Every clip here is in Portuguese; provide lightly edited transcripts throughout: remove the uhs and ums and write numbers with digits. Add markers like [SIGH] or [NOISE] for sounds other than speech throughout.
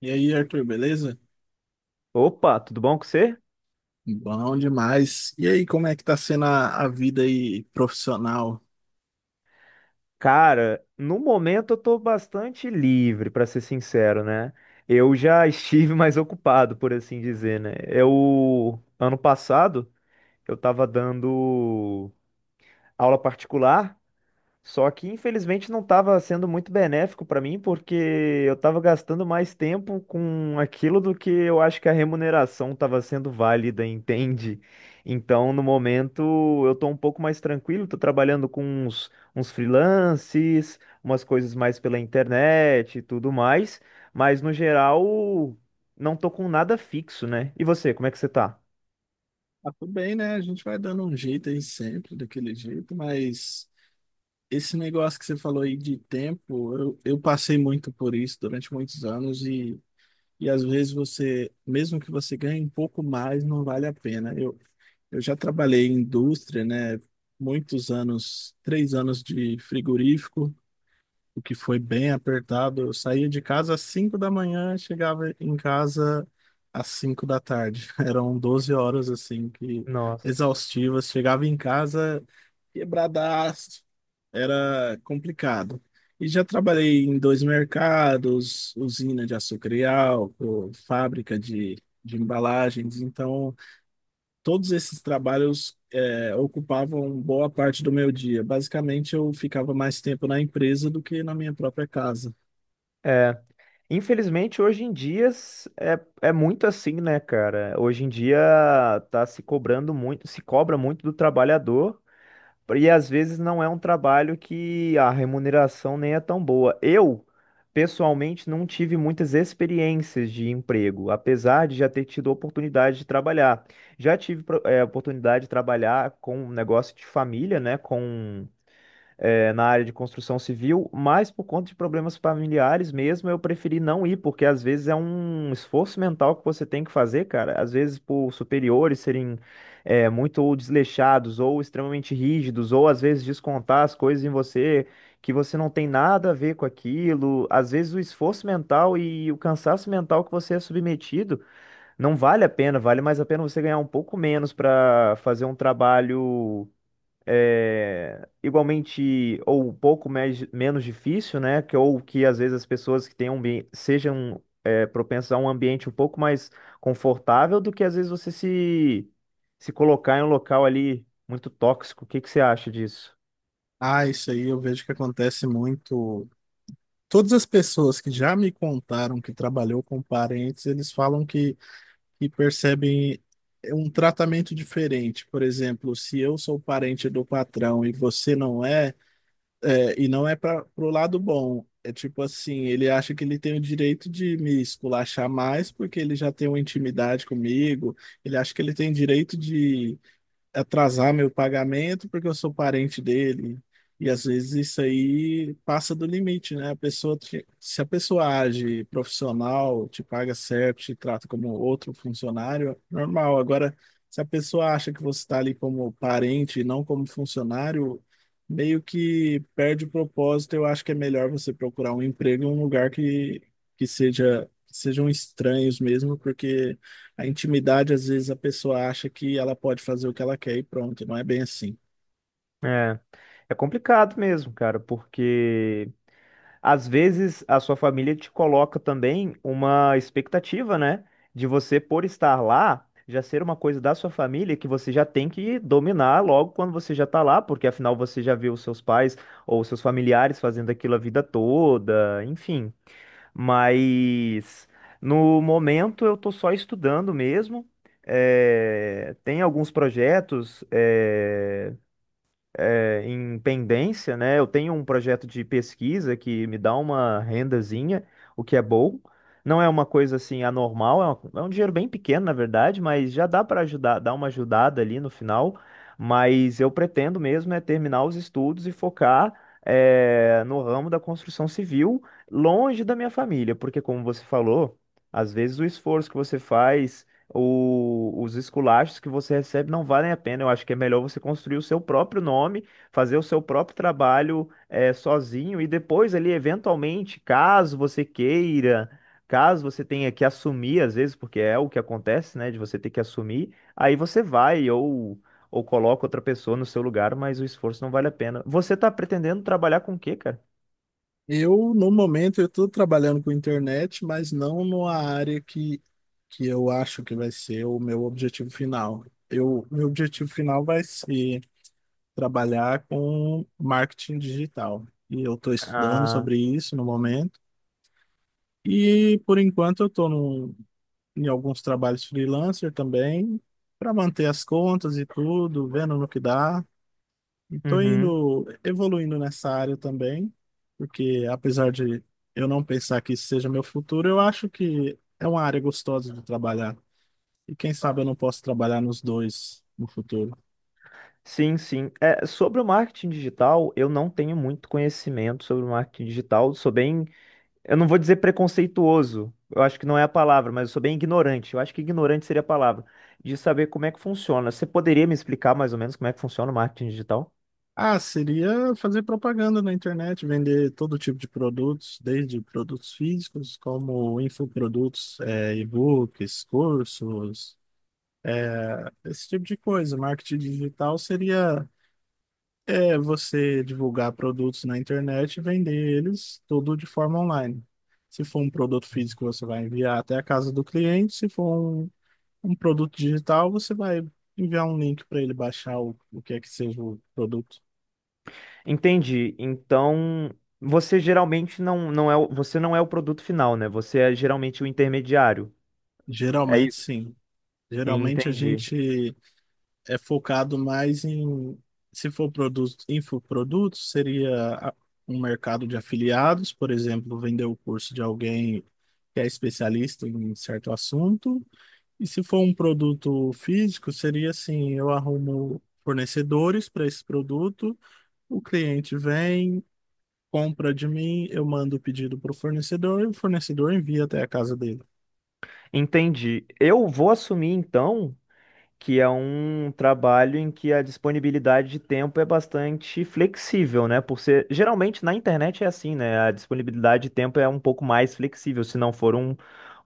E aí, Arthur, beleza? Opa, tudo bom com você? Bom demais. E aí, como é que tá sendo a vida aí profissional? Cara, no momento eu tô bastante livre, pra ser sincero, né? Eu já estive [LAUGHS] mais ocupado, por assim dizer, né? Eu, ano passado, eu tava dando aula particular. Só que infelizmente não estava sendo muito benéfico para mim, porque eu estava gastando mais tempo com aquilo do que eu acho que a remuneração estava sendo válida, entende? Então, no momento, eu estou um pouco mais tranquilo, estou trabalhando com uns freelances, umas coisas mais pela internet e tudo mais, mas no geral, não estou com nada fixo, né? E você, como é que você tá? Ah, tudo bem, né? A gente vai dando um jeito aí sempre, daquele jeito, mas esse negócio que você falou aí de tempo, eu passei muito por isso durante muitos anos e às vezes você, mesmo que você ganhe um pouco mais, não vale a pena. Eu já trabalhei em indústria, né? Muitos anos, 3 anos de frigorífico. O que foi bem apertado. Eu saía de casa às 5 da manhã, chegava em casa às 5 da tarde. [LAUGHS] Eram 12 horas assim que Nossa. exaustivas. Chegava em casa quebradaço. Era complicado. E já trabalhei em dois mercados, usina de açúcar e álcool, fábrica de embalagens, então todos esses trabalhos ocupavam boa parte do meu dia. Basicamente, eu ficava mais tempo na empresa do que na minha própria casa. Infelizmente, hoje em dia é, é muito assim, né, cara? Hoje em dia tá se cobrando muito, se cobra muito do trabalhador, e às vezes não é um trabalho que a remuneração nem é tão boa. Eu, pessoalmente, não tive muitas experiências de emprego, apesar de já ter tido oportunidade de trabalhar. Já tive oportunidade de trabalhar com um negócio de família, né? Com na área de construção civil, mas por conta de problemas familiares mesmo, eu preferi não ir, porque às vezes é um esforço mental que você tem que fazer, cara. Às vezes por superiores serem muito desleixados ou extremamente rígidos, ou às vezes descontar as coisas em você que você não tem nada a ver com aquilo. Às vezes o esforço mental e o cansaço mental que você é submetido não vale a pena, vale mais a pena você ganhar um pouco menos para fazer um trabalho é, igualmente ou um pouco mais, menos difícil, né? Que, ou que às vezes as pessoas que têm um sejam é, propensas a um ambiente um pouco mais confortável do que às vezes você se, se colocar em um local ali muito tóxico. O que que você acha disso? Ah, isso aí eu vejo que acontece muito. Todas as pessoas que já me contaram que trabalhou com parentes, eles falam que percebem um tratamento diferente. Por exemplo, se eu sou parente do patrão e você não é. É, e não é para pro lado bom. É tipo assim, ele acha que ele tem o direito de me esculachar mais porque ele já tem uma intimidade comigo. Ele acha que ele tem direito de atrasar meu pagamento porque eu sou parente dele. E às vezes isso aí passa do limite, né? A pessoa, se a pessoa age profissional, te paga certo, te trata como outro funcionário, é normal. Agora, se a pessoa acha que você está ali como parente e não como funcionário, meio que perde o propósito. Eu acho que é melhor você procurar um emprego em um lugar que sejam estranhos mesmo, porque a intimidade, às vezes, a pessoa acha que ela pode fazer o que ela quer e pronto, não é bem assim. É, é complicado mesmo, cara, porque às vezes a sua família te coloca também uma expectativa, né? De você, por estar lá, já ser uma coisa da sua família que você já tem que dominar logo quando você já tá lá, porque afinal você já viu os seus pais ou seus familiares fazendo aquilo a vida toda, enfim. Mas no momento eu tô só estudando mesmo. Tem alguns projetos, em pendência, né? Eu tenho um projeto de pesquisa que me dá uma rendazinha, o que é bom. Não é uma coisa assim anormal, é um dinheiro bem pequeno, na verdade, mas já dá para ajudar, dar uma ajudada ali no final. Mas eu pretendo mesmo é terminar os estudos e focar no ramo da construção civil, longe da minha família, porque como você falou, às vezes o esforço que você faz os esculachos que você recebe não valem a pena. Eu acho que é melhor você construir o seu próprio nome, fazer o seu próprio trabalho sozinho e depois ali, eventualmente, caso você queira, caso você tenha que assumir, às vezes, porque é o que acontece, né, de você ter que assumir, aí você vai, ou ou, coloca outra pessoa no seu lugar, mas o esforço não vale a pena. Você tá pretendendo trabalhar com o quê, cara? Eu, no momento, eu estou trabalhando com internet, mas não numa área que eu acho que vai ser o meu objetivo final. Meu objetivo final vai ser trabalhar com marketing digital. E eu estou estudando Ah, sobre isso no momento. E, por enquanto, eu estou em alguns trabalhos freelancer também, para manter as contas e tudo, vendo no que dá. E tô uhum. indo, evoluindo nessa área também, porque apesar de eu não pensar que isso seja meu futuro, eu acho que é uma área gostosa de trabalhar. E quem sabe eu não posso trabalhar nos dois no futuro. Sim, sim. É, sobre o marketing digital, eu não tenho muito conhecimento sobre o marketing digital. Sou bem, eu não vou dizer preconceituoso, eu acho que não é a palavra, mas eu sou bem ignorante. Eu acho que ignorante seria a palavra, de saber como é que funciona. Você poderia me explicar mais ou menos como é que funciona o marketing digital? Ah, seria fazer propaganda na internet, vender todo tipo de produtos, desde produtos físicos, como infoprodutos, e-books, cursos, esse tipo de coisa. Marketing digital seria você divulgar produtos na internet e vender eles tudo de forma online. Se for um produto físico, você vai enviar até a casa do cliente. Se for um, um produto digital, você vai enviar um link para ele baixar o que é que seja o produto. Entendi. Então, você geralmente não é, você não é o produto final, né? Você é geralmente o intermediário. É Geralmente, isso. sim. Geralmente a Entendi. gente é focado mais em, se for produto, infoprodutos, seria um mercado de afiliados, por exemplo, vender o curso de alguém que é especialista em certo assunto. E se for um produto físico, seria assim, eu arrumo fornecedores para esse produto, o cliente vem, compra de mim, eu mando o pedido para o fornecedor e o fornecedor envia até a casa dele. Entendi. Eu vou assumir então que é um trabalho em que a disponibilidade de tempo é bastante flexível, né? Por ser, geralmente na internet é assim, né? A disponibilidade de tempo é um pouco mais flexível, se não for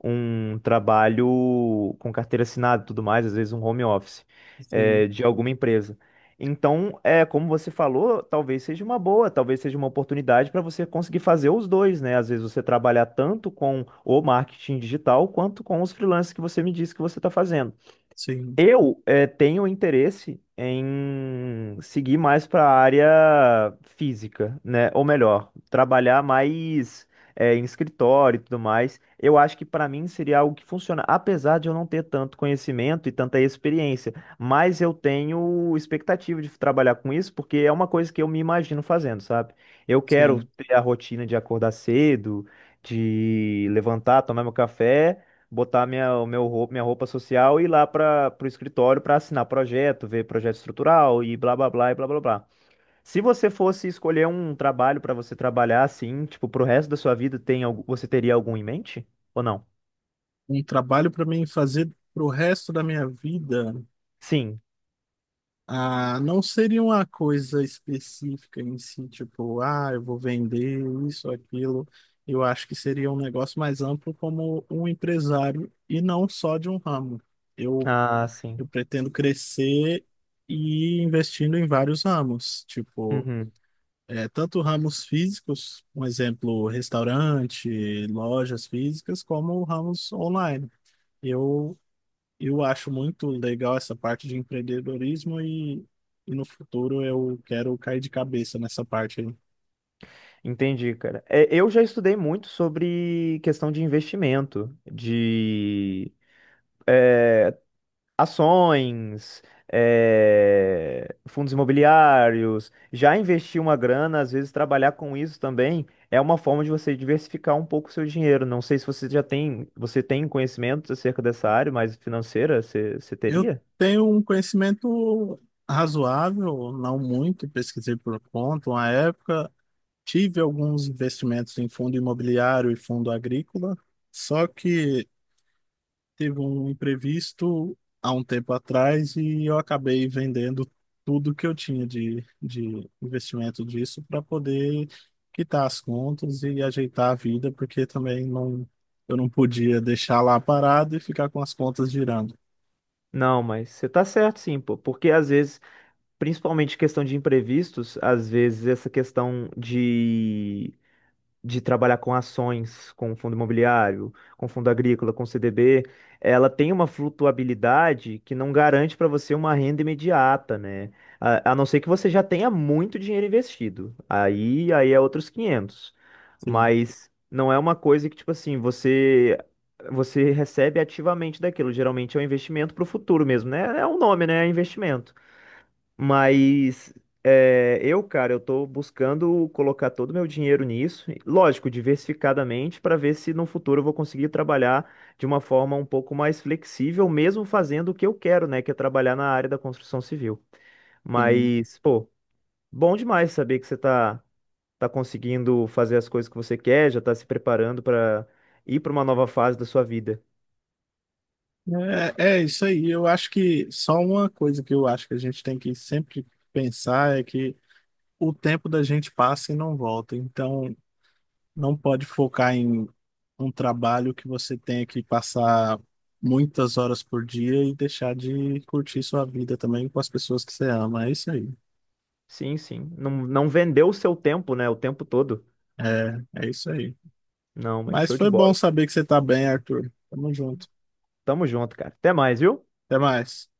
um trabalho com carteira assinada e tudo mais, às vezes um home office, Sim, de alguma empresa. Então, é, como você falou, talvez seja uma boa, talvez seja uma oportunidade para você conseguir fazer os dois, né? Às vezes você trabalhar tanto com o marketing digital quanto com os freelancers que você me disse que você está fazendo. sim, Eu tenho interesse em seguir mais para a área física, né? Ou melhor, trabalhar mais em escritório e tudo mais. Eu acho que para mim seria algo que funciona, apesar de eu não ter tanto conhecimento e tanta experiência. Mas eu tenho expectativa de trabalhar com isso, porque é uma coisa que eu me imagino fazendo, sabe? Eu quero sim. ter a rotina de acordar cedo, de levantar, tomar meu café, botar minha roupa social e ir lá para o escritório para assinar projeto, ver projeto estrutural e blá blá blá e blá blá blá. Se você fosse escolher um trabalho para você trabalhar assim, tipo, pro resto da sua vida, tem você teria algum em mente? Ou não? Um trabalho para mim fazer pro resto da minha vida. Sim. Ah, não seria uma coisa específica em si, tipo, ah, eu vou vender isso, aquilo. Eu acho que seria um negócio mais amplo como um empresário e não só de um ramo. Eu, Ah, sim. eu pretendo crescer e ir investindo em vários ramos, tipo, Uhum. Tanto ramos físicos, um exemplo, restaurante, lojas físicas, como ramos online. Eu eu acho muito legal essa parte de empreendedorismo e no futuro eu quero cair de cabeça nessa parte aí. Entendi, cara. É, eu já estudei muito sobre questão de investimento, de ações, fundos imobiliários, já investir uma grana, às vezes trabalhar com isso também é uma forma de você diversificar um pouco o seu dinheiro. Não sei se você já tem, você tem conhecimento acerca dessa área, mas financeira, você Eu teria? tenho um conhecimento razoável, não muito, pesquisei por conta uma época, tive alguns investimentos em fundo imobiliário e fundo agrícola, só que teve um imprevisto há um tempo atrás e eu acabei vendendo tudo que eu tinha de investimento disso para poder quitar as contas e ajeitar a vida, porque também não, eu não podia deixar lá parado e ficar com as contas girando. Não, mas você tá certo sim, pô, porque às vezes, principalmente questão de imprevistos, às vezes essa questão de trabalhar com ações, com fundo imobiliário, com fundo agrícola, com CDB, ela tem uma flutuabilidade que não garante para você uma renda imediata, né? A não ser que você já tenha muito dinheiro investido. Aí é outros 500. Sim, Mas não é uma coisa que, tipo assim, você recebe ativamente daquilo. Geralmente é um investimento para o futuro mesmo, né? É um nome, né? É investimento. Mas é, eu, cara, eu tô buscando colocar todo o meu dinheiro nisso, e, lógico, diversificadamente, para ver se no futuro eu vou conseguir trabalhar de uma forma um pouco mais flexível, mesmo fazendo o que eu quero, né, que é trabalhar na área da construção civil. sim. Mas, pô, bom demais saber que tá conseguindo fazer as coisas que você quer, já tá se preparando para ir para uma nova fase da sua vida. É, é isso aí. Eu acho que só uma coisa que eu acho que a gente tem que sempre pensar é que o tempo da gente passa e não volta. Então, não pode focar em um trabalho que você tenha que passar muitas horas por dia e deixar de curtir sua vida também com as pessoas que você ama. É isso aí. Sim, sim. Não, não vendeu o seu tempo, né, o tempo todo. É, é isso aí. Não, mas Mas show de foi bom bola. saber que você tá bem, Arthur. Tamo junto. Tamo junto, cara. Até mais, viu? Até mais.